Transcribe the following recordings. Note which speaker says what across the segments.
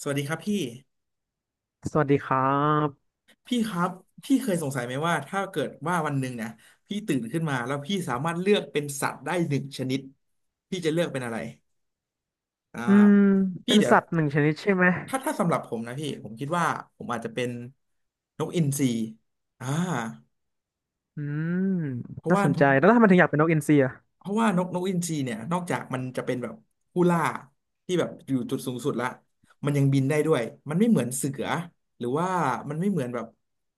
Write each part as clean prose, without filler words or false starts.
Speaker 1: สวัสดีครับพี่
Speaker 2: สวัสดีครับ
Speaker 1: พี่ครับพี่เคยสงสัยไหมว่าถ้าเกิดว่าวันหนึ่งนะพี่ตื่นขึ้นมาแล้วพี่สามารถเลือกเป็นสัตว์ได้หนึ่งชนิดพี่จะเลือกเป็นอะไรอ่า
Speaker 2: อืม
Speaker 1: พี่
Speaker 2: เป็น
Speaker 1: เดี๋ยว
Speaker 2: สัตว์หนึ่งชนิดใช่ไหม
Speaker 1: ถ้าสำหรับผมนะพี่ผมคิดว่าผมอาจจะเป็นนกอินทรีอ่า
Speaker 2: อืม
Speaker 1: เพราะ
Speaker 2: น่า
Speaker 1: ว่า
Speaker 2: สน
Speaker 1: ผ
Speaker 2: ใจ
Speaker 1: ม
Speaker 2: แล้วทำไมถึงอยากเป็นนกอินทรีอ่ะ
Speaker 1: เพราะว่านกอินทรีเนี่ยนอกจากมันจะเป็นแบบผู้ล่าที่แบบอยู่จุดสูงสุดละมันยังบินได้ด้วยมันไม่เหมือนเสือหรือว่ามันไม่เหมือนแบบ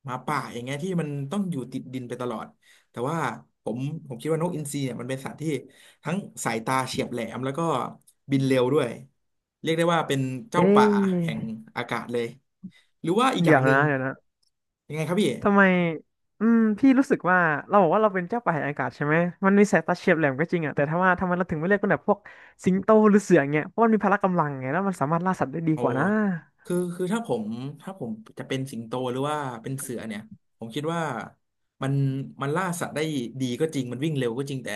Speaker 1: หมาป่าอย่างเงี้ยที่มันต้องอยู่ติดดินไปตลอดแต่ว่าผมผมคิดว่านกอินทรีเนี่ยมันเป็นสัตว์ที่ทั้งสายตาเฉียบแหลมแล้วก็บินเร็วด้วยเรียกได้ว่าเป็นเจ้า
Speaker 2: เอ๊
Speaker 1: ป่าแห่ง
Speaker 2: ะ
Speaker 1: อากาศเลยหรือว่าอีกอ
Speaker 2: เดี๋
Speaker 1: ย่า
Speaker 2: ย
Speaker 1: ง
Speaker 2: ว
Speaker 1: หนึ่ง
Speaker 2: นะ
Speaker 1: ยังไงครับพี่
Speaker 2: ทำไม พี่รู้สึกว่า เราบอกว่าเราเป็นเจ้าป่าแห่งอากาศใช่ไหม มันมีสายตาเฉียบแหลมก็จริงอ่ะแต่ถ้าว่าทำไมเราถึงไม่เรียกเป็นแบบพวกสิงโตหรือเสือเงี้ยเพราะมันมีพละกำลังไงแล้วมันสามารถล่าสัตว์ได้ดี
Speaker 1: โอ้
Speaker 2: กว่านะ
Speaker 1: คือถ้าผม ถ้าผมจะเป็นสิงโตหรือว่าเป็นเสือเนี่ยผมคิดว่า มันมันล่าสัตว์ได้ดีก็จริงมันวิ่งเร็วก็จริง แต่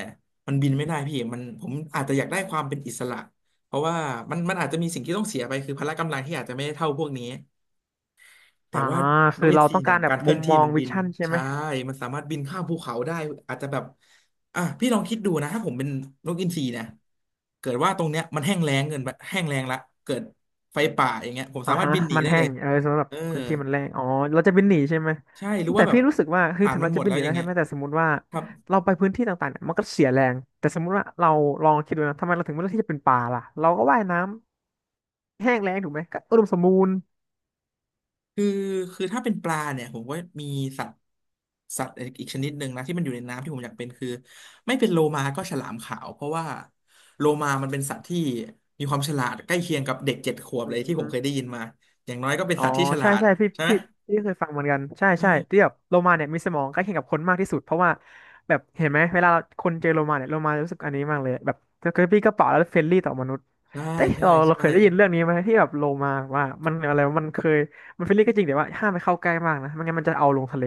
Speaker 1: มันบินไม่ได้พี่มันผมอาจจะอยากได้ความเป็นอิสระ เพราะว่ามันอาจจะมีสิ่งที่ต้องเสียไป คือพละกำลังที่อาจจะไม่ได้เท่าพวกนี้ แต่
Speaker 2: อ่า
Speaker 1: ว่าน
Speaker 2: คื
Speaker 1: ก
Speaker 2: อ
Speaker 1: เอ็น
Speaker 2: เรา
Speaker 1: ซี
Speaker 2: ต้อง
Speaker 1: เนี่
Speaker 2: กา
Speaker 1: ย
Speaker 2: รแบ
Speaker 1: กา
Speaker 2: บ
Speaker 1: รเค
Speaker 2: มุ
Speaker 1: ลื่อ
Speaker 2: ม
Speaker 1: นที่
Speaker 2: มอง
Speaker 1: มัน
Speaker 2: วิ
Speaker 1: บิน
Speaker 2: ชั่นใช่ไหม
Speaker 1: ใช่มันสามารถบินข้ามภูเขาได้อาจจะแบบอ่ะพี่ลองคิดดูนะถ้าผมเป็นนกอินทรีนะเกิดว่าตรงเนี้ยมันแห้งแล้งเกินไปแห้งแล้งละเกิดไฟป่าอย่างเงี้ยผม
Speaker 2: อ่า
Speaker 1: สามารถ
Speaker 2: ฮะ
Speaker 1: บินหนี
Speaker 2: มัน
Speaker 1: ได้
Speaker 2: แห้
Speaker 1: เลย
Speaker 2: งเออสำหรับ
Speaker 1: เออ
Speaker 2: พื้นที่มันแรงอ๋อเราจะบินหนีใช่ไหม
Speaker 1: ใช่หรือ
Speaker 2: แต่
Speaker 1: ว่าแบบ
Speaker 2: พี่รู้สึกว่าคือ
Speaker 1: อ่าน
Speaker 2: ถึง
Speaker 1: มัน
Speaker 2: เรา
Speaker 1: หม
Speaker 2: จะ
Speaker 1: ด
Speaker 2: บิ
Speaker 1: แล้
Speaker 2: นห
Speaker 1: ว
Speaker 2: นี
Speaker 1: อย่า
Speaker 2: ได้
Speaker 1: งเงี้
Speaker 2: ใช่
Speaker 1: ย
Speaker 2: ไหมแต่สมมติว่า
Speaker 1: ครับ
Speaker 2: เราไปพื้นที่ต่างๆเนี่ยมันก็เสียแรงแต่สมมติว่าเราลองคิดดูนะทำไมเราถึงไม่เลือกที่จะเป็นป่าล่ะเราก็ว่ายน้ำแห้งแล้งถูกไหมก็อุดมสมบูรณ์
Speaker 1: คือคือถ้าเป็นปลาเนี่ยผมก็มีสัตว์สัตว์อีกชนิดหนึ่งนะที่มันอยู่ในน้ำที่ผมอยากเป็นคือไม่เป็นโลมาก็ฉลามขาวเพราะว่าโลมามันเป็นสัตว์ที่มีความฉลาดใกล้เคียงกับเด็กเจ็ดขวบ
Speaker 2: อื
Speaker 1: เลยที่ผม
Speaker 2: ม
Speaker 1: เคยได้ยินมาอย่างน้อยก็เป็น
Speaker 2: อ๋อ
Speaker 1: สัตว์ที่ฉลา
Speaker 2: ใช่
Speaker 1: ด
Speaker 2: ใช่พี่
Speaker 1: ใช่ไหม
Speaker 2: พี่พี่เคยฟังเหมือนกันใช่
Speaker 1: เอ
Speaker 2: ใช่
Speaker 1: อ
Speaker 2: ที่แบบโลมาเนี่ยมีสมองใกล้เคียงกับคนมากที่สุดเพราะว่าแบบเห็นไหมเวลาคนเจอโลมาเนี่ยโลมารู้สึกอันนี้มากเลยแบบคือพี่ก็เปล่าแล้วเฟรนลี่ต่อมนุษย์
Speaker 1: ใช่
Speaker 2: แต่
Speaker 1: ใช่
Speaker 2: เรา
Speaker 1: ใช่
Speaker 2: เคยได้ยินเรื่องนี้ไหมที่แบบโลมาว่ามันอะไรวะมันเคยมันเฟรนลี่ก็จริงแต่ว่าห้ามไปเข้าใกล้มากนะไม่งั้นมันจะเอาลงทะเล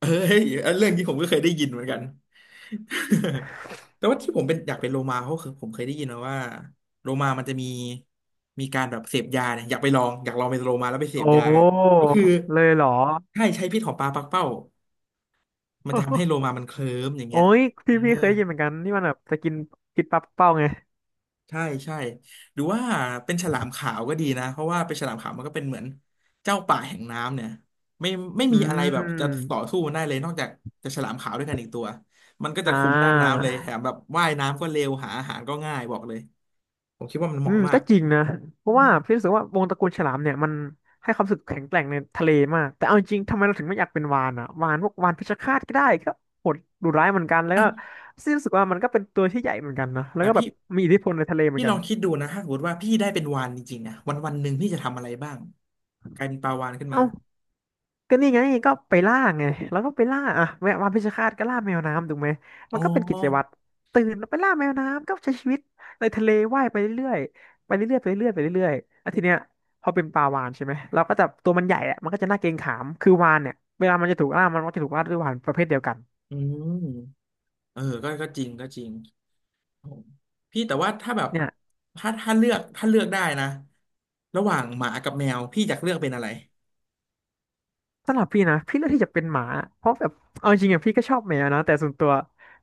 Speaker 1: เฮ้ยอันเรื่องนี้ผมก็เคยได้ยินเหมือนกัน แต่ว่าที่ผมเป็นอยากเป็นโลมาเพราะคือผมเคยได้ยินมาว่าโลมามันจะมีการแบบเสพยาเนี่ยอยากไปลองอยากลองเป็นโลมาแล้วไปเสพ
Speaker 2: โอ้
Speaker 1: ยาก็คือ
Speaker 2: เลยเหรอ
Speaker 1: ใช้พิษของปลาปักเป้ามันจะทำให้ โลมามันเคลิ้มอย่าง
Speaker 2: โอ้
Speaker 1: เงี้ย
Speaker 2: ย
Speaker 1: เอ
Speaker 2: พี่
Speaker 1: อ
Speaker 2: พี่เคยได้ยินเหมือนกันที่มันแบบจะกินกินปลาเป้าไง
Speaker 1: ใช่ใช่หรือว่าเป็นฉลามขาวก็ดีนะเพราะว่าเป็นฉลามขาวมันก็เป็นเหมือนเจ้าป่าแห่งน้ำเนี่ยไม่ไม่
Speaker 2: อื
Speaker 1: มีอะไรแบบจะต่
Speaker 2: ม
Speaker 1: อสู้มันได้เลยนอกจากจะฉลามขาวด้วยกันอีกตัวมันก็
Speaker 2: อ่
Speaker 1: จะคุมหน้าน้ำ
Speaker 2: า
Speaker 1: เลยแถมแบบว่ายน้ำก็เร็วหาอาหารก็ง่ายบอกเลยผมคิดว่ามันเห
Speaker 2: อื
Speaker 1: มาะ
Speaker 2: ม
Speaker 1: มา
Speaker 2: ก็
Speaker 1: ก
Speaker 2: จริงนะเพ
Speaker 1: อื
Speaker 2: ราะ
Speaker 1: ม
Speaker 2: ว่าพี่รู้สึกว่าวงตระกูลฉลามเนี่ยมันให้ความรู้สึกแข็งแกร่งในทะเลมากแต่เอาจริงๆทำไมเราถึงไม่อยากเป็นวาฬอ่ะวาฬพวกวาฬเพชฌฆาตก็ได้ก็โหดดุร้ายเหมือนกันแล้วก็
Speaker 1: อ่ะ
Speaker 2: พี่รู้สึกว่ามันก็เป็นตัวที่ใหญ่เหมือนกันนะแล้ว
Speaker 1: แต่
Speaker 2: ก็แบ
Speaker 1: พี่
Speaker 2: บมีอิทธิพลในทะเลเหมือ
Speaker 1: พี่
Speaker 2: น
Speaker 1: ล
Speaker 2: กั
Speaker 1: อ
Speaker 2: น
Speaker 1: งคิดดูนะถ้าสมมติว่าพี่ได้เป็นวาฬจริงๆนะวันวันหนึ่งพี่จะทำอะไรบ้างกลายเป็นปลาวาฬขึ้นมา
Speaker 2: เอ้า ก็นี่ไงก็ไปล่าไงแล้วก็ไปล่าอ่ะแมววานเพชฌฆาตก็ล่าแมวน้ำถูกไหมมั
Speaker 1: อ๋
Speaker 2: นก็เป็นกิจวั
Speaker 1: อ
Speaker 2: ตรตื่นแล้วไปล่าแมวน้ำก็ใช้ชีวิตในทะเลว่ายไปเรื่อยๆไปเรื่อยๆไปเรื่อยๆไปเรื่อยๆแล้วทีเนี้ยพอเป็นปลาวาฬใช่ไหมเราก็จะตัวมันใหญ่อะมันก็จะน่าเกรงขามคือวาฬเนี่ยเวลามันจะถูกล่ามันก็จะถูกล่าด้วยวาฬประเภทเดียวกัน
Speaker 1: อืมเออก็ก็จริงก็จริง พี่แต่ว่าถ้าแบบ
Speaker 2: เนี่ย
Speaker 1: ถ้าเลือกถ้าเลือกได้นะระหว่างหมากับแมวพี่อยากเลือกเป็นอะไร
Speaker 2: สำหรับพี่นะพี่เลือกที่จะเป็นหมาเพราะแบบเอาจริงๆอะพี่ก็ชอบแมวนะแต่ส่วนตัว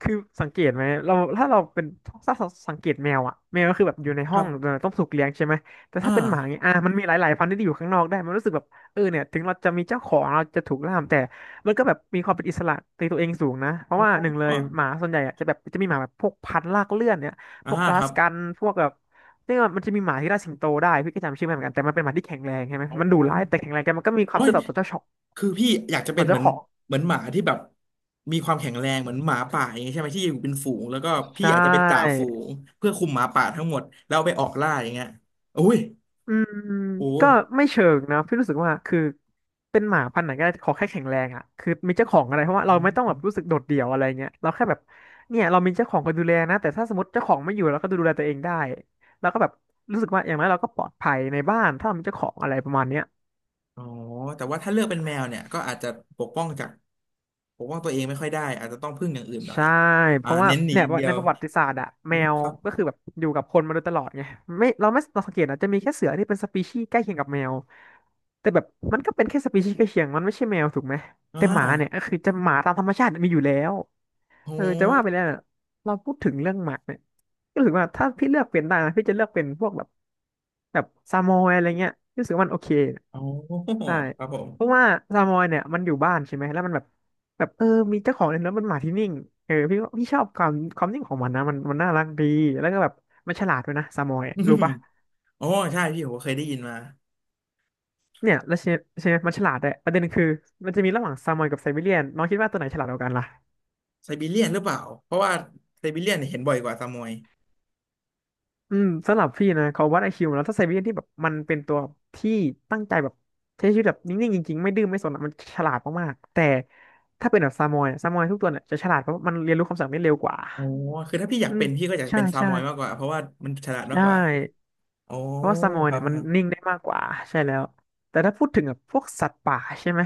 Speaker 2: คือสังเกตไหมเราถ้าเราเป็นถ้าเราสังเกตแมวอะแมวก็คือแบบอยู่ใน
Speaker 1: ค
Speaker 2: ห้อ
Speaker 1: รั
Speaker 2: ง
Speaker 1: บ
Speaker 2: ต้องถูกเลี้ยงใช่ไหมแต่
Speaker 1: อ่า
Speaker 2: ถ้าเป็นหมาเงี้ยอ่ะมันมีหลายๆพันธุ์ที่อยู่ข้างนอกได้มันรู้สึกแบบเออเนี่ยถึงเราจะมีเจ้าของเราจะถูกล่ามแต่มันก็แบบมีความเป็นอิสระในตัวเองสูงนะเพราะ
Speaker 1: อ๋
Speaker 2: ว่าหนึ่งเล
Speaker 1: อ
Speaker 2: ยหมาส่วนใหญ่อะจะแบบจะมีหมาแบบพวกพันธุ์ลากเลื่อนเนี่ย
Speaker 1: อ่า
Speaker 2: พวกอ
Speaker 1: ค
Speaker 2: ลา
Speaker 1: รั
Speaker 2: ส
Speaker 1: บ
Speaker 2: กันพวกแบบเรียกว่ามันจะมีหมาที่ล่าสิงโตได้พี่ก็จำชื่อไม่เหมือนกันแต่มันเป็นหมาที่แข็งแรงใช่ไหม
Speaker 1: อ๋อ
Speaker 2: มันดุร้ายแต่แข็งแรงแต่มันก็มีค
Speaker 1: โอ้
Speaker 2: วาม
Speaker 1: ย
Speaker 2: ซื่อสัตย์ต่อเจ้าของ
Speaker 1: คือพี่อยากจะ
Speaker 2: อ๋
Speaker 1: เป็
Speaker 2: อ
Speaker 1: น
Speaker 2: ง
Speaker 1: เห
Speaker 2: เจ้า
Speaker 1: มือน
Speaker 2: ของ
Speaker 1: เหมือนหมาที่แบบมีความแข็งแรงเหมือนหมาป่าอย่างเงี้ยใช่ไหมที่อยู่เป็นฝูงแล้วก็พี่
Speaker 2: ใช่
Speaker 1: อาจจะเป็นจ่าฝูงเพื่อคุมหมาป่าทั้งหมดแล้วเอาไปออกล่าอย่างเงี้ยโอ้ย
Speaker 2: อืม
Speaker 1: โอ้
Speaker 2: ก็ไม่เชิงนะพี่รู้สึกว่าคือเป็นหมาพันธุ์ไหนก็ได้ขอแค่แข็งแรงอ่ะคือมีเจ้าของอะไรเพราะว่าเราไม่ต้องแบบรู้สึกโดดเดี่ยวอะไรเงี้ยเราแค่แบบเนี่ยเรามีเจ้าของคอยดูแลนะแต่ถ้าสมมติเจ้าของไม่อยู่เราก็ดูแลตัวเองได้แล้วก็แบบรู้สึกว่าอย่างน้อยเราก็ปลอดภัยในบ้านถ้าเรามีเจ้าของอะไรประมาณเนี้ย
Speaker 1: อ๋อแต่ว่าถ้าเลือกเป็นแมวเนี่ยก็อาจจะปกป้องจากปกป้องตัวเองไม่ค่อยได้อาจจะต้องพึ่งอย่างอื่นหน่อย
Speaker 2: ใช่เพ
Speaker 1: อ่า
Speaker 2: ราะว่า
Speaker 1: เน้นหนี
Speaker 2: เนี่
Speaker 1: อ
Speaker 2: ย
Speaker 1: ย่างเดีย
Speaker 2: ใน
Speaker 1: ว
Speaker 2: ประวัติศาสตร์อะ
Speaker 1: อื
Speaker 2: แม
Speaker 1: ม
Speaker 2: ว
Speaker 1: ครับ
Speaker 2: ก็คือแบบอยู่กับคนมาโดยตลอดไงไม่เราสังเกตนะจะมีแค่เสือที่เป็นสปีชีส์ใกล้เคียงกับแมวแต่แบบมันก็เป็นแค่สปีชีส์ใกล้เคียงมันไม่ใช่แมวถูกไหม
Speaker 1: อ่
Speaker 2: แต่หมาเนี่ยก็
Speaker 1: า
Speaker 2: คือจะหมาตามธรรมชาติมีอยู่แล้ว
Speaker 1: โอ
Speaker 2: เออจะว่าไป
Speaker 1: ้
Speaker 2: แล้วเน่ะเราพูดถึงเรื่องหมาเนี่ยก็ถือว่าถ้าพี่เลือกเป็นได้นะพี่จะเลือกเป็นพวกแบบแบบซามอยอะไรเงี้ยพี่รู้สึกว่ามันโอเค
Speaker 1: โอ้
Speaker 2: ใช่
Speaker 1: ครับผม
Speaker 2: เพราะว่าซามอยเนี่ยมันอยู่บ้านใช่ไหมแล้วมันแบบมีเจ้าของเลยแล้วมันหมาที่นิ่งเออพี่ชอบความนิ่งของมันนะมันน่ารักดีแล้วก็แบบมันฉลาดด้วยนะซามอยรู้ปะ
Speaker 1: โออใช่พี่ผมเคยได้ยินมา
Speaker 2: เนี่ยแล้วใช่ใช่ไหมมันฉลาดด้วยประเด็นคือมันจะมีระหว่างซามอยกับไซบีเรียนน้องคิดว่าตัวไหนฉลาดกว่ากันล่ะ
Speaker 1: ไซบีเรียนหรือเปล่าเพราะว่าไซบีเรียนเนี่ยเห็นบ่อยกว่าซามอย
Speaker 2: อืมสำหรับพี่นะเขาวัดไอคิวแล้วถ้าไซบีเรียนที่แบบมันเป็นตัวที่ตั้งใจแบบใช้ชีวิตแบบนิ่งๆจริงๆไม่ดื้อไม่สนอะมันฉลาดมากๆแต่ถ้าเป็นแบบซามอยอะซามอยทุกตัวเนี่ยจะฉลาดเพราะมันเรียนรู้คำสั่งได้เร็วกว่า
Speaker 1: อ๋อคือถ้าพี่อยา
Speaker 2: อื
Speaker 1: ก
Speaker 2: ม
Speaker 1: เป็นพี่ก็อยาก
Speaker 2: ใช่
Speaker 1: เป็นซา
Speaker 2: ใช่
Speaker 1: มอยมากกว่าเพราะว่ามันฉลาดมาก
Speaker 2: ใช่
Speaker 1: กว่าอ๋อ
Speaker 2: เพราะว่าซามอย
Speaker 1: ครั
Speaker 2: เนี่
Speaker 1: บ
Speaker 2: ยมั
Speaker 1: ค
Speaker 2: น
Speaker 1: รับ
Speaker 2: นิ่งได้มากกว่าใช่แล้วแต่ถ้าพูดถึงแบบพวกสัตว์ป่าใช่ไหม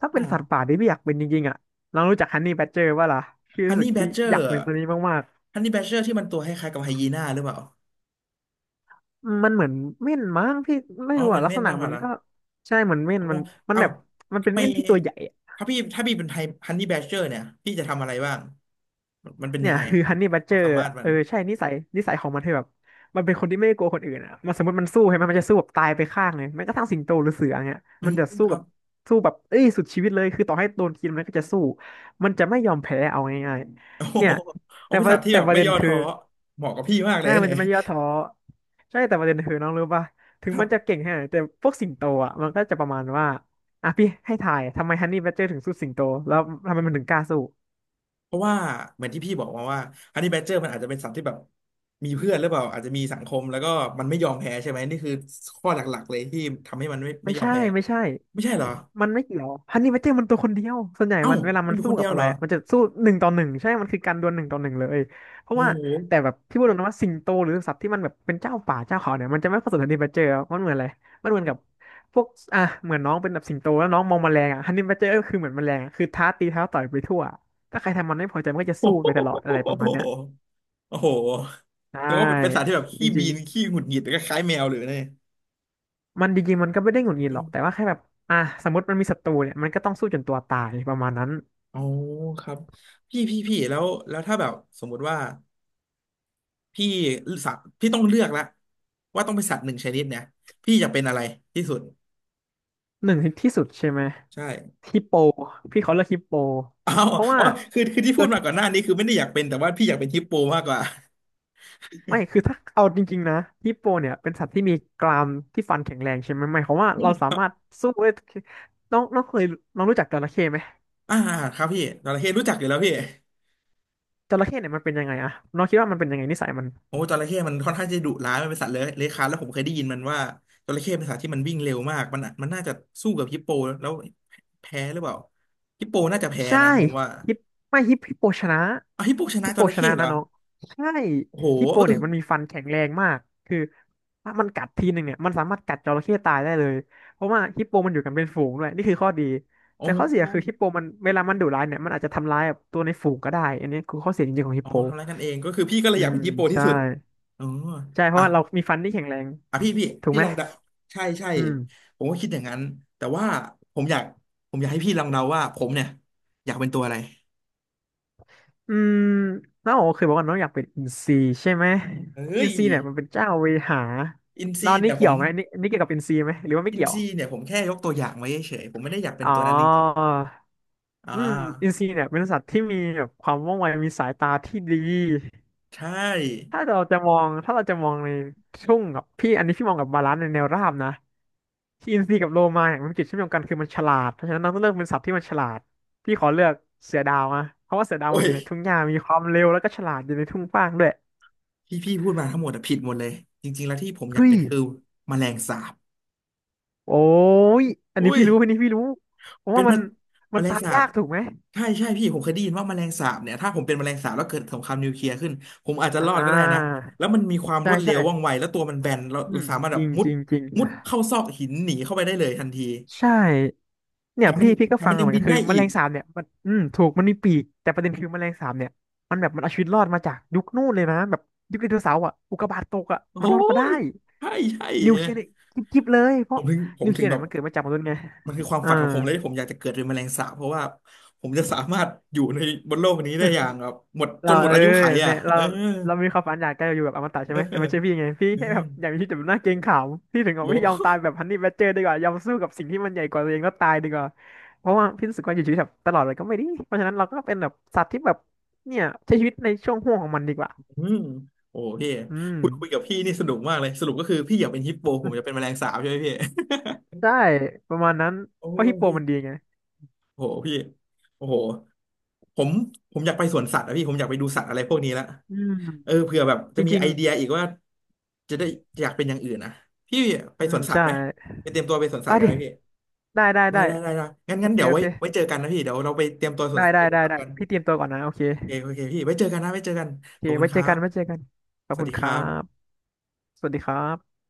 Speaker 2: ถ้าเป็นสัตว์ป่า
Speaker 1: อ่า
Speaker 2: ที่พี่อยากเป็นจริงๆอ่ะเรารู้จักฮันนี่แบดเจอร์ป่ะล่ะพี่
Speaker 1: ฮั
Speaker 2: รู้
Speaker 1: น
Speaker 2: สึก
Speaker 1: นี่แบ
Speaker 2: พี่
Speaker 1: ดเจอ
Speaker 2: อยา
Speaker 1: ร์
Speaker 2: กเป็นตัวนี้มาก
Speaker 1: ฮันนี่แบดเจอร์ที่มันตัวคล้ายๆกับไฮยีน่าหรือเปล่า
Speaker 2: ๆมันเหมือนเม่นมั้งพี่ไม่
Speaker 1: อ๋อ
Speaker 2: รู้
Speaker 1: เหมือ
Speaker 2: อ่ะ
Speaker 1: น
Speaker 2: ลัก
Speaker 1: เม่
Speaker 2: ษ
Speaker 1: น
Speaker 2: ณะ
Speaker 1: มากก
Speaker 2: มั
Speaker 1: ว่า
Speaker 2: น
Speaker 1: ละ
Speaker 2: ก็ใช่เหมือนเม่น
Speaker 1: อ๋อ
Speaker 2: มันมัน
Speaker 1: เอ้า
Speaker 2: แบบมันเป็
Speaker 1: ทำ
Speaker 2: น
Speaker 1: ไม
Speaker 2: เม่นที่ตัวใหญ่
Speaker 1: ถ้าพี่ถ้าพี่เป็นไทฮันนี่แบชเชอร์เนี่ยพี่จะทำอะไรบ้างมันเป็น
Speaker 2: เนี่
Speaker 1: ยั
Speaker 2: ย
Speaker 1: งไง
Speaker 2: คือฮันนี่บัด
Speaker 1: ค
Speaker 2: เจ
Speaker 1: วา
Speaker 2: อ
Speaker 1: ม
Speaker 2: ร์
Speaker 1: สามารถมั
Speaker 2: เอ
Speaker 1: น
Speaker 2: อใช่นิสัยของมันคือแบบมันเป็นคนที่ไม่กลัวคนอื่นอ่ะมันสมมติมันสู้ใช่ไหมมันจะสู้แบบตายไปข้างเลยแม้กระทั่งสิงโตหรือเสือเงี้ย
Speaker 1: อื
Speaker 2: มัน
Speaker 1: ม
Speaker 2: จะสู้
Speaker 1: ครั
Speaker 2: กับ
Speaker 1: บ
Speaker 2: สู้แบบเอ้ยสุดชีวิตเลยคือต่อให้โดนกินมันก็จะสู้มันจะไม่ยอมแพ้เอาง่าย
Speaker 1: โอ้
Speaker 2: ๆ
Speaker 1: โห
Speaker 2: เนี่ย
Speaker 1: เอา
Speaker 2: แต่
Speaker 1: เป็น
Speaker 2: ว่า
Speaker 1: สัตว์ที่
Speaker 2: แต่
Speaker 1: แบบ
Speaker 2: ประ
Speaker 1: ไม่
Speaker 2: เด็น
Speaker 1: ย่อ
Speaker 2: คือ
Speaker 1: ท้อเหมาะกับพี่มากเล
Speaker 2: ใช่
Speaker 1: ยนะ
Speaker 2: มัน
Speaker 1: เนี่ย
Speaker 2: จะไม่ย่อท้อใช่แต่ประเด็นคือน้องรู้ป่ะถึ
Speaker 1: ค
Speaker 2: ง
Speaker 1: รั
Speaker 2: มันจะ
Speaker 1: บ
Speaker 2: เก่งแค่ไหนแต่พวกสิงโตอ่ะมันก็จะประมาณว่าอ่ะพี่ให้ทายทำไมฮันนี่บัดเจอร์ถึงสู้สิงโตแล้วทำไมมันถึงกล้าสู้
Speaker 1: เพราะว่าเหมือนที่พี่บอกมาว่าฮันนี่แบชเชอร์มันอาจจะเป็นสัตว์ที่แบบมีเพื่อนหรือเปล่าอาจจะมีสังคมแล้วก็มันไม่ยอมแพ้ใช่ไหมนี่คือข้อหลักๆเลยที่ทำให้มันไม่
Speaker 2: ไม่
Speaker 1: ยอม
Speaker 2: ใช่
Speaker 1: แพ้
Speaker 2: ไม่ใช่
Speaker 1: ไม่ใช่เหรอ
Speaker 2: มันไม่เกี่ยวฮันนี่แมเจอร์มันตัวคนเดียวส่วนใหญ่
Speaker 1: เอ้า
Speaker 2: มันเวลา
Speaker 1: มั
Speaker 2: มั
Speaker 1: น
Speaker 2: น
Speaker 1: อยู่
Speaker 2: สู้
Speaker 1: คนเดี
Speaker 2: กับ
Speaker 1: ยว
Speaker 2: อะ
Speaker 1: เห
Speaker 2: ไร
Speaker 1: รอ
Speaker 2: อะมันจะสู้หนึ่งต่อหนึ่งใช่มันคือการดวลหนึ่งต่อหนึ่งเลยเพราะ
Speaker 1: โอ้
Speaker 2: ว่า
Speaker 1: โห
Speaker 2: แต่แบบที่พูดตรงนะว่าสิงโตหรือสัตว์ที่มันแบบเป็นเจ้าป่าเจ้าเขาเนี่ยมันจะไม่ผสมฮันนี่แมเจอร์มันเหมือนอะไรมันเหมือนกับพวกอ่ะเหมือนน้องเป็นแบบสิงโตแล้วน้องมองแมลงอะฮันนี่แมเจอร์ก็คือเหมือนแมลงอะคือท้าตีท้าต่อยไปทั่วถ้าใครทำมันไม่พอใจมันก็จะสู้ไปตลอดอะไรประมาณเนี้ย
Speaker 1: โอ้โห
Speaker 2: ใช่
Speaker 1: แต่ว่าเป็นสัตว์ที่แบบ
Speaker 2: จ
Speaker 1: ขี้บี
Speaker 2: ริง
Speaker 1: นขี้หงุดหงิดก็คล้ายแมวเลยเนี่ย
Speaker 2: ๆมันจริงๆมันก็ไม่ได้หงุดหงิดหร
Speaker 1: อื
Speaker 2: อกแต่
Speaker 1: ม
Speaker 2: ว่าแค่แบบอ่ะสมมติมันมีศัตรูเนี่ยมันก็ต้องสู้จนตัวตายประมาณนั้น
Speaker 1: อ๋อครับพี่แล้วถ้าแบบสมมุติว่าพี่สัตว์พี่ต้องเลือกละว่าต้องเป็นสัตว์หนึ่งชนิดเนี่ยพี่อยากเป็นอะไรที่สุด
Speaker 2: หนึ่งที่สุดใช่ไหม
Speaker 1: ใช่
Speaker 2: ฮิปโปพี่เขาเรียกฮิปโป
Speaker 1: อ้าว
Speaker 2: เพราะว่า
Speaker 1: อ๋อคือคือที่
Speaker 2: โด
Speaker 1: พูด
Speaker 2: ย
Speaker 1: มาก่อนหน้านี้คือไม่ได้อยากเป็นแต่ว่าพี่อยากเป็นฮิปโปมากกว่า
Speaker 2: ไม่ คือถ้าเอาจริงๆนะฮิปโปเนี่ยเป็นสัตว์ที่มีกรามที่ฟันแข็งแรงใช่ไหมหมายความว่าเราสา มารถสู้ได้น้องน้องเคยน้องรู้จักจระเข้ไหม
Speaker 1: อ่าครับพี่จระเข้รู้จักอยู่แล้วพี่
Speaker 2: จระเข้เนี่ยมันเป็นยังไงอะ น้องคิดว่ามันเป็นยังไงนิสัยมัน
Speaker 1: โอ้จระเข้มันค่อนข้างจะดุร้ายมันเป็นสัตว์เลื้อยคลานแล้วผมเคยได้ยินมันว่าจระเข้เป็นสัตว์ที่มันวิ่งเร็วมากมันน่าจะสู้กับฮิปโปแล้วแพ้หรือเปล่าฮิปโปน่าจะแพ้
Speaker 2: ใช่
Speaker 1: นะผมว่า
Speaker 2: ฮิปฮิปโปชนะ
Speaker 1: อ่ะฮิปโปชนะ
Speaker 2: ฮิป
Speaker 1: จ
Speaker 2: โป
Speaker 1: ระ
Speaker 2: ช
Speaker 1: เข้
Speaker 2: นะ
Speaker 1: เหร
Speaker 2: นะ
Speaker 1: อ
Speaker 2: น้องใช่
Speaker 1: โอ้โห
Speaker 2: ฮิปโป
Speaker 1: เออ
Speaker 2: เนี่ยมันมีฟันแข็งแรงมากคือถ้ามันกัดทีหนึ่งเนี่ยมันสามารถกัดจระเข้ตายได้เลยเพราะว่าฮิปโปมันอยู่กันเป็นฝูงด้วยนี่คือข้อดี
Speaker 1: อ๋อ
Speaker 2: แต่ข้อเสียคือฮิปโปมันเวลามันดุร้ายเนี่ยมันอาจจะทำร้ายแบบตัวในฝูงก็ได้อันนี้คือข้อเสียจริงๆของฮิ
Speaker 1: อ๋อ
Speaker 2: ปโป
Speaker 1: ทำร้ายกันเองก็คือพี่ก็เล
Speaker 2: อื
Speaker 1: ยอยาก
Speaker 2: ม
Speaker 1: เป็นฮิปโปที่
Speaker 2: ใช่
Speaker 1: สุดอ๋อ
Speaker 2: ใช่เพ
Speaker 1: อ่ะ
Speaker 2: ราะว่าเรามีฟันที่แข็งแรง
Speaker 1: อ่ะพี่พี่
Speaker 2: ถูก
Speaker 1: พี่
Speaker 2: ไหม
Speaker 1: ลองเดาใช่ใช่
Speaker 2: อืม
Speaker 1: ผมก็คิดอย่างนั้นแต่ว่าผมอยากผมอยากให้พี่ลองเดาว่าผมเนี่ยอยากเป็นตัวอะไร
Speaker 2: อืมน้องโอเคยบอกว่าน้องอยากเป็นอินซีใช่ไหมอิ
Speaker 1: เฮ้
Speaker 2: น
Speaker 1: ย
Speaker 2: ซีเนี่ยมันเป็นเจ้าเวหา
Speaker 1: อิน
Speaker 2: แล้ว
Speaker 1: ซี
Speaker 2: อันนี่
Speaker 1: เนี่ยผ
Speaker 2: เกี่ย
Speaker 1: ม
Speaker 2: วไหมนี่นี่เกี่ยวกับอินซีไหมหรือว่าไม่
Speaker 1: อิน
Speaker 2: เกี่ยว
Speaker 1: ซีเนี่ยผมแค่ยกตัวอย่างไว้เฉยๆผมไม่ได้อยากเป็น
Speaker 2: อ๋อ
Speaker 1: ตัวนั้นจริงๆอ่า
Speaker 2: อืมอินซีเนี่ยเป็นสัตว์ที่มีแบบความว่องไวมีสายตาที่ดี
Speaker 1: ใช่
Speaker 2: ถ้าเราจะมองถ้าเราจะมองในช่วงกับพี่อันนี้พี่มองกับบาลานซ์ในแนวราบนะที่อินซีกับโลมาเนี่ยมันจุดเชื่อมโยงกันคือมันฉลาดเพราะฉะนั้นน้องต้องเลือกเป็นสัตว์ที่มันฉลาดพี่ขอเลือกเสือดาวนะเพราะว่าเสือดาว
Speaker 1: โอ้
Speaker 2: มันอ
Speaker 1: ย
Speaker 2: ยู่ในทุ่งหญ้ามีความเร็วแล้วก็ฉลาดอยู่ในทุ่งกว้างด้วย
Speaker 1: ที่พี่พูดมาทั้งหมดอะผิดหมดเลยจริงๆแล้วที่ผมอยาก
Speaker 2: เฮ้
Speaker 1: เป็
Speaker 2: ย
Speaker 1: นคือแมลงสาบ
Speaker 2: โอ้ย อันนี้
Speaker 1: อุ้ย
Speaker 2: พี่รู้อันนี้พี่รู้เพราะ
Speaker 1: เป็
Speaker 2: ว่า
Speaker 1: น
Speaker 2: มัน
Speaker 1: มะแม
Speaker 2: มัน
Speaker 1: ลง
Speaker 2: ตาย
Speaker 1: สาบ
Speaker 2: ยากถูกไหม
Speaker 1: ใช่ใช่พี่ผมเคยได้ยินว่าแมลงสาบเนี่ยถ้าผมเป็นแมลงสาบแล้วเกิดสงครามนิวเคลียร์ขึ้นผมอาจจะ
Speaker 2: อ่
Speaker 1: รอดก็ได้นะ
Speaker 2: า
Speaker 1: แล้วมันมีความร
Speaker 2: ใช่
Speaker 1: วดเร็
Speaker 2: ใช่
Speaker 1: วว่องไวแล้วตัวมันแบนเรา
Speaker 2: อื
Speaker 1: เรา
Speaker 2: ม
Speaker 1: สามารถ
Speaker 2: จ
Speaker 1: แบบ
Speaker 2: ริง
Speaker 1: มุ
Speaker 2: จ
Speaker 1: ด
Speaker 2: ริงจริง
Speaker 1: เข้าซอกหินหนีเข้าไปได้เลยทันที
Speaker 2: ใช่
Speaker 1: แถ
Speaker 2: เนี่ย
Speaker 1: มมั
Speaker 2: พี่
Speaker 1: น
Speaker 2: พี่ก็
Speaker 1: แถม
Speaker 2: ฟั
Speaker 1: มั
Speaker 2: ง
Speaker 1: น
Speaker 2: มา
Speaker 1: ยั
Speaker 2: เห
Speaker 1: ง
Speaker 2: มือน
Speaker 1: บิ
Speaker 2: กั
Speaker 1: น
Speaker 2: นคื
Speaker 1: ได้
Speaker 2: อแม
Speaker 1: อี
Speaker 2: ล
Speaker 1: ก
Speaker 2: งสาบเนี่ยมันอืมถูกมันมีปีกแต่ประเด็นคือแมลงสาบเนี่ยมันแบบมันเอาชีวิตรอดมาจากยุคนู่นเลยนะแบบยุคไดโนเสาร์อ่ะอุกกาบาตตกอ่ะ
Speaker 1: โอ้
Speaker 2: มันรอดมาได้
Speaker 1: ยใช่ใช่
Speaker 2: นิวเค
Speaker 1: นะ
Speaker 2: ลียร์เนี่ยจิ๊บๆเลยเพ
Speaker 1: ผ
Speaker 2: ราะ
Speaker 1: มถึงผม
Speaker 2: นิวเค
Speaker 1: ถึ
Speaker 2: ลี
Speaker 1: ง
Speaker 2: ยร์
Speaker 1: แบ
Speaker 2: เนี่ย
Speaker 1: บ
Speaker 2: มันเกิดมาจากมนุษย์ไง
Speaker 1: มันคือความ
Speaker 2: อ่า
Speaker 1: ฝันของผมเลยที่ผมอยากจะเกิดเป็นแมลงสาบเพราะว่าผมจะสามารถอยู่ในบนโลกนี้ได้อย่างแบบหมดจ
Speaker 2: เรา
Speaker 1: นหมด
Speaker 2: เออ
Speaker 1: อายุไขอ่ะ
Speaker 2: เนี่ยเรา
Speaker 1: เออ
Speaker 2: มีความฝันอยากจะอยู่แบบอมตะใช่
Speaker 1: เออ
Speaker 2: ไหมแต่ไม่ใช่พี่ไงพี่
Speaker 1: เออ
Speaker 2: แค่แบบอยากมีชีวิตแบบน่าเกรงขามพี่ถึงบอก
Speaker 1: โอ้
Speaker 2: พี่ยอมตายแบบฮันนี่แบดเจอร์ดีกว่ายอมสู้กับสิ่งที่มันใหญ่กว่าตัวเองแล้วตายดีกว่าเพราะว่าพี่รู้สึกว่าอยู่ชีวิตแบบตลอดเลยก็ไม่ดีเพราะฉะนั้นเราก็เป็นแบบสัตว์ที่แบบเนี่ยใช้ชีวิตในช่วงห่วงของมันดีกว่า
Speaker 1: อืมโอ้พี่
Speaker 2: อืม
Speaker 1: คุยกับพี่นี่สนุกมากเลยสรุปก็คือพี่อยากเป็นฮิปโปผมอยากเป็นแมล งสาบใช่ไหมพี่
Speaker 2: ใช่ประมาณนั้น
Speaker 1: โอ้
Speaker 2: เพราะฮิ
Speaker 1: ย
Speaker 2: ปโป
Speaker 1: พี่
Speaker 2: มันดีไง
Speaker 1: โอ้โหพี่โอ้โหผมผมอยากไปสวนสัตว์อะพี่ผมอยากไปดูสัตว์อะไรพวกนี้ละ
Speaker 2: อื
Speaker 1: เออ
Speaker 2: ม
Speaker 1: เผื่อแบบ
Speaker 2: จ
Speaker 1: จะมี
Speaker 2: ริ
Speaker 1: ไอ
Speaker 2: ง
Speaker 1: เดียอีกว่าจะได้อยากเป็นอย่างอื่นนะพี่ไป
Speaker 2: ๆอื
Speaker 1: ส
Speaker 2: ม
Speaker 1: วนสัต
Speaker 2: ใช่
Speaker 1: ว์ไหมไปเตรียมตัวไปสวนสั
Speaker 2: ไป
Speaker 1: ตว์กัน
Speaker 2: ดิ
Speaker 1: ไหมพี่
Speaker 2: ได้ได้
Speaker 1: ได้
Speaker 2: ได้
Speaker 1: ได้ได้ได้งั้น
Speaker 2: โอ
Speaker 1: งั้น
Speaker 2: เค
Speaker 1: เดี๋ยว
Speaker 2: โอ
Speaker 1: ไว้
Speaker 2: เค
Speaker 1: ไว้เจอกันนะพี่เดี๋ยวเราไปเตรียมตัวสวน
Speaker 2: ได้ได้
Speaker 1: ไปสว
Speaker 2: ได้
Speaker 1: นสัตว์
Speaker 2: ได้
Speaker 1: กัน
Speaker 2: พี่เตรียมตัวก่อนนะโอเค
Speaker 1: โอเคโอเคพี่ไว้เจอกันนะไว้เจอกัน
Speaker 2: โอเค
Speaker 1: ขอบคุณ
Speaker 2: ไว้
Speaker 1: ค
Speaker 2: เจ
Speaker 1: รั
Speaker 2: อกั
Speaker 1: บ
Speaker 2: นไว้เจอกัน ขอ
Speaker 1: ส
Speaker 2: บ
Speaker 1: วัส
Speaker 2: คุณ
Speaker 1: ดี
Speaker 2: ค
Speaker 1: ค
Speaker 2: รั
Speaker 1: รับ
Speaker 2: บ สวัสดีครับ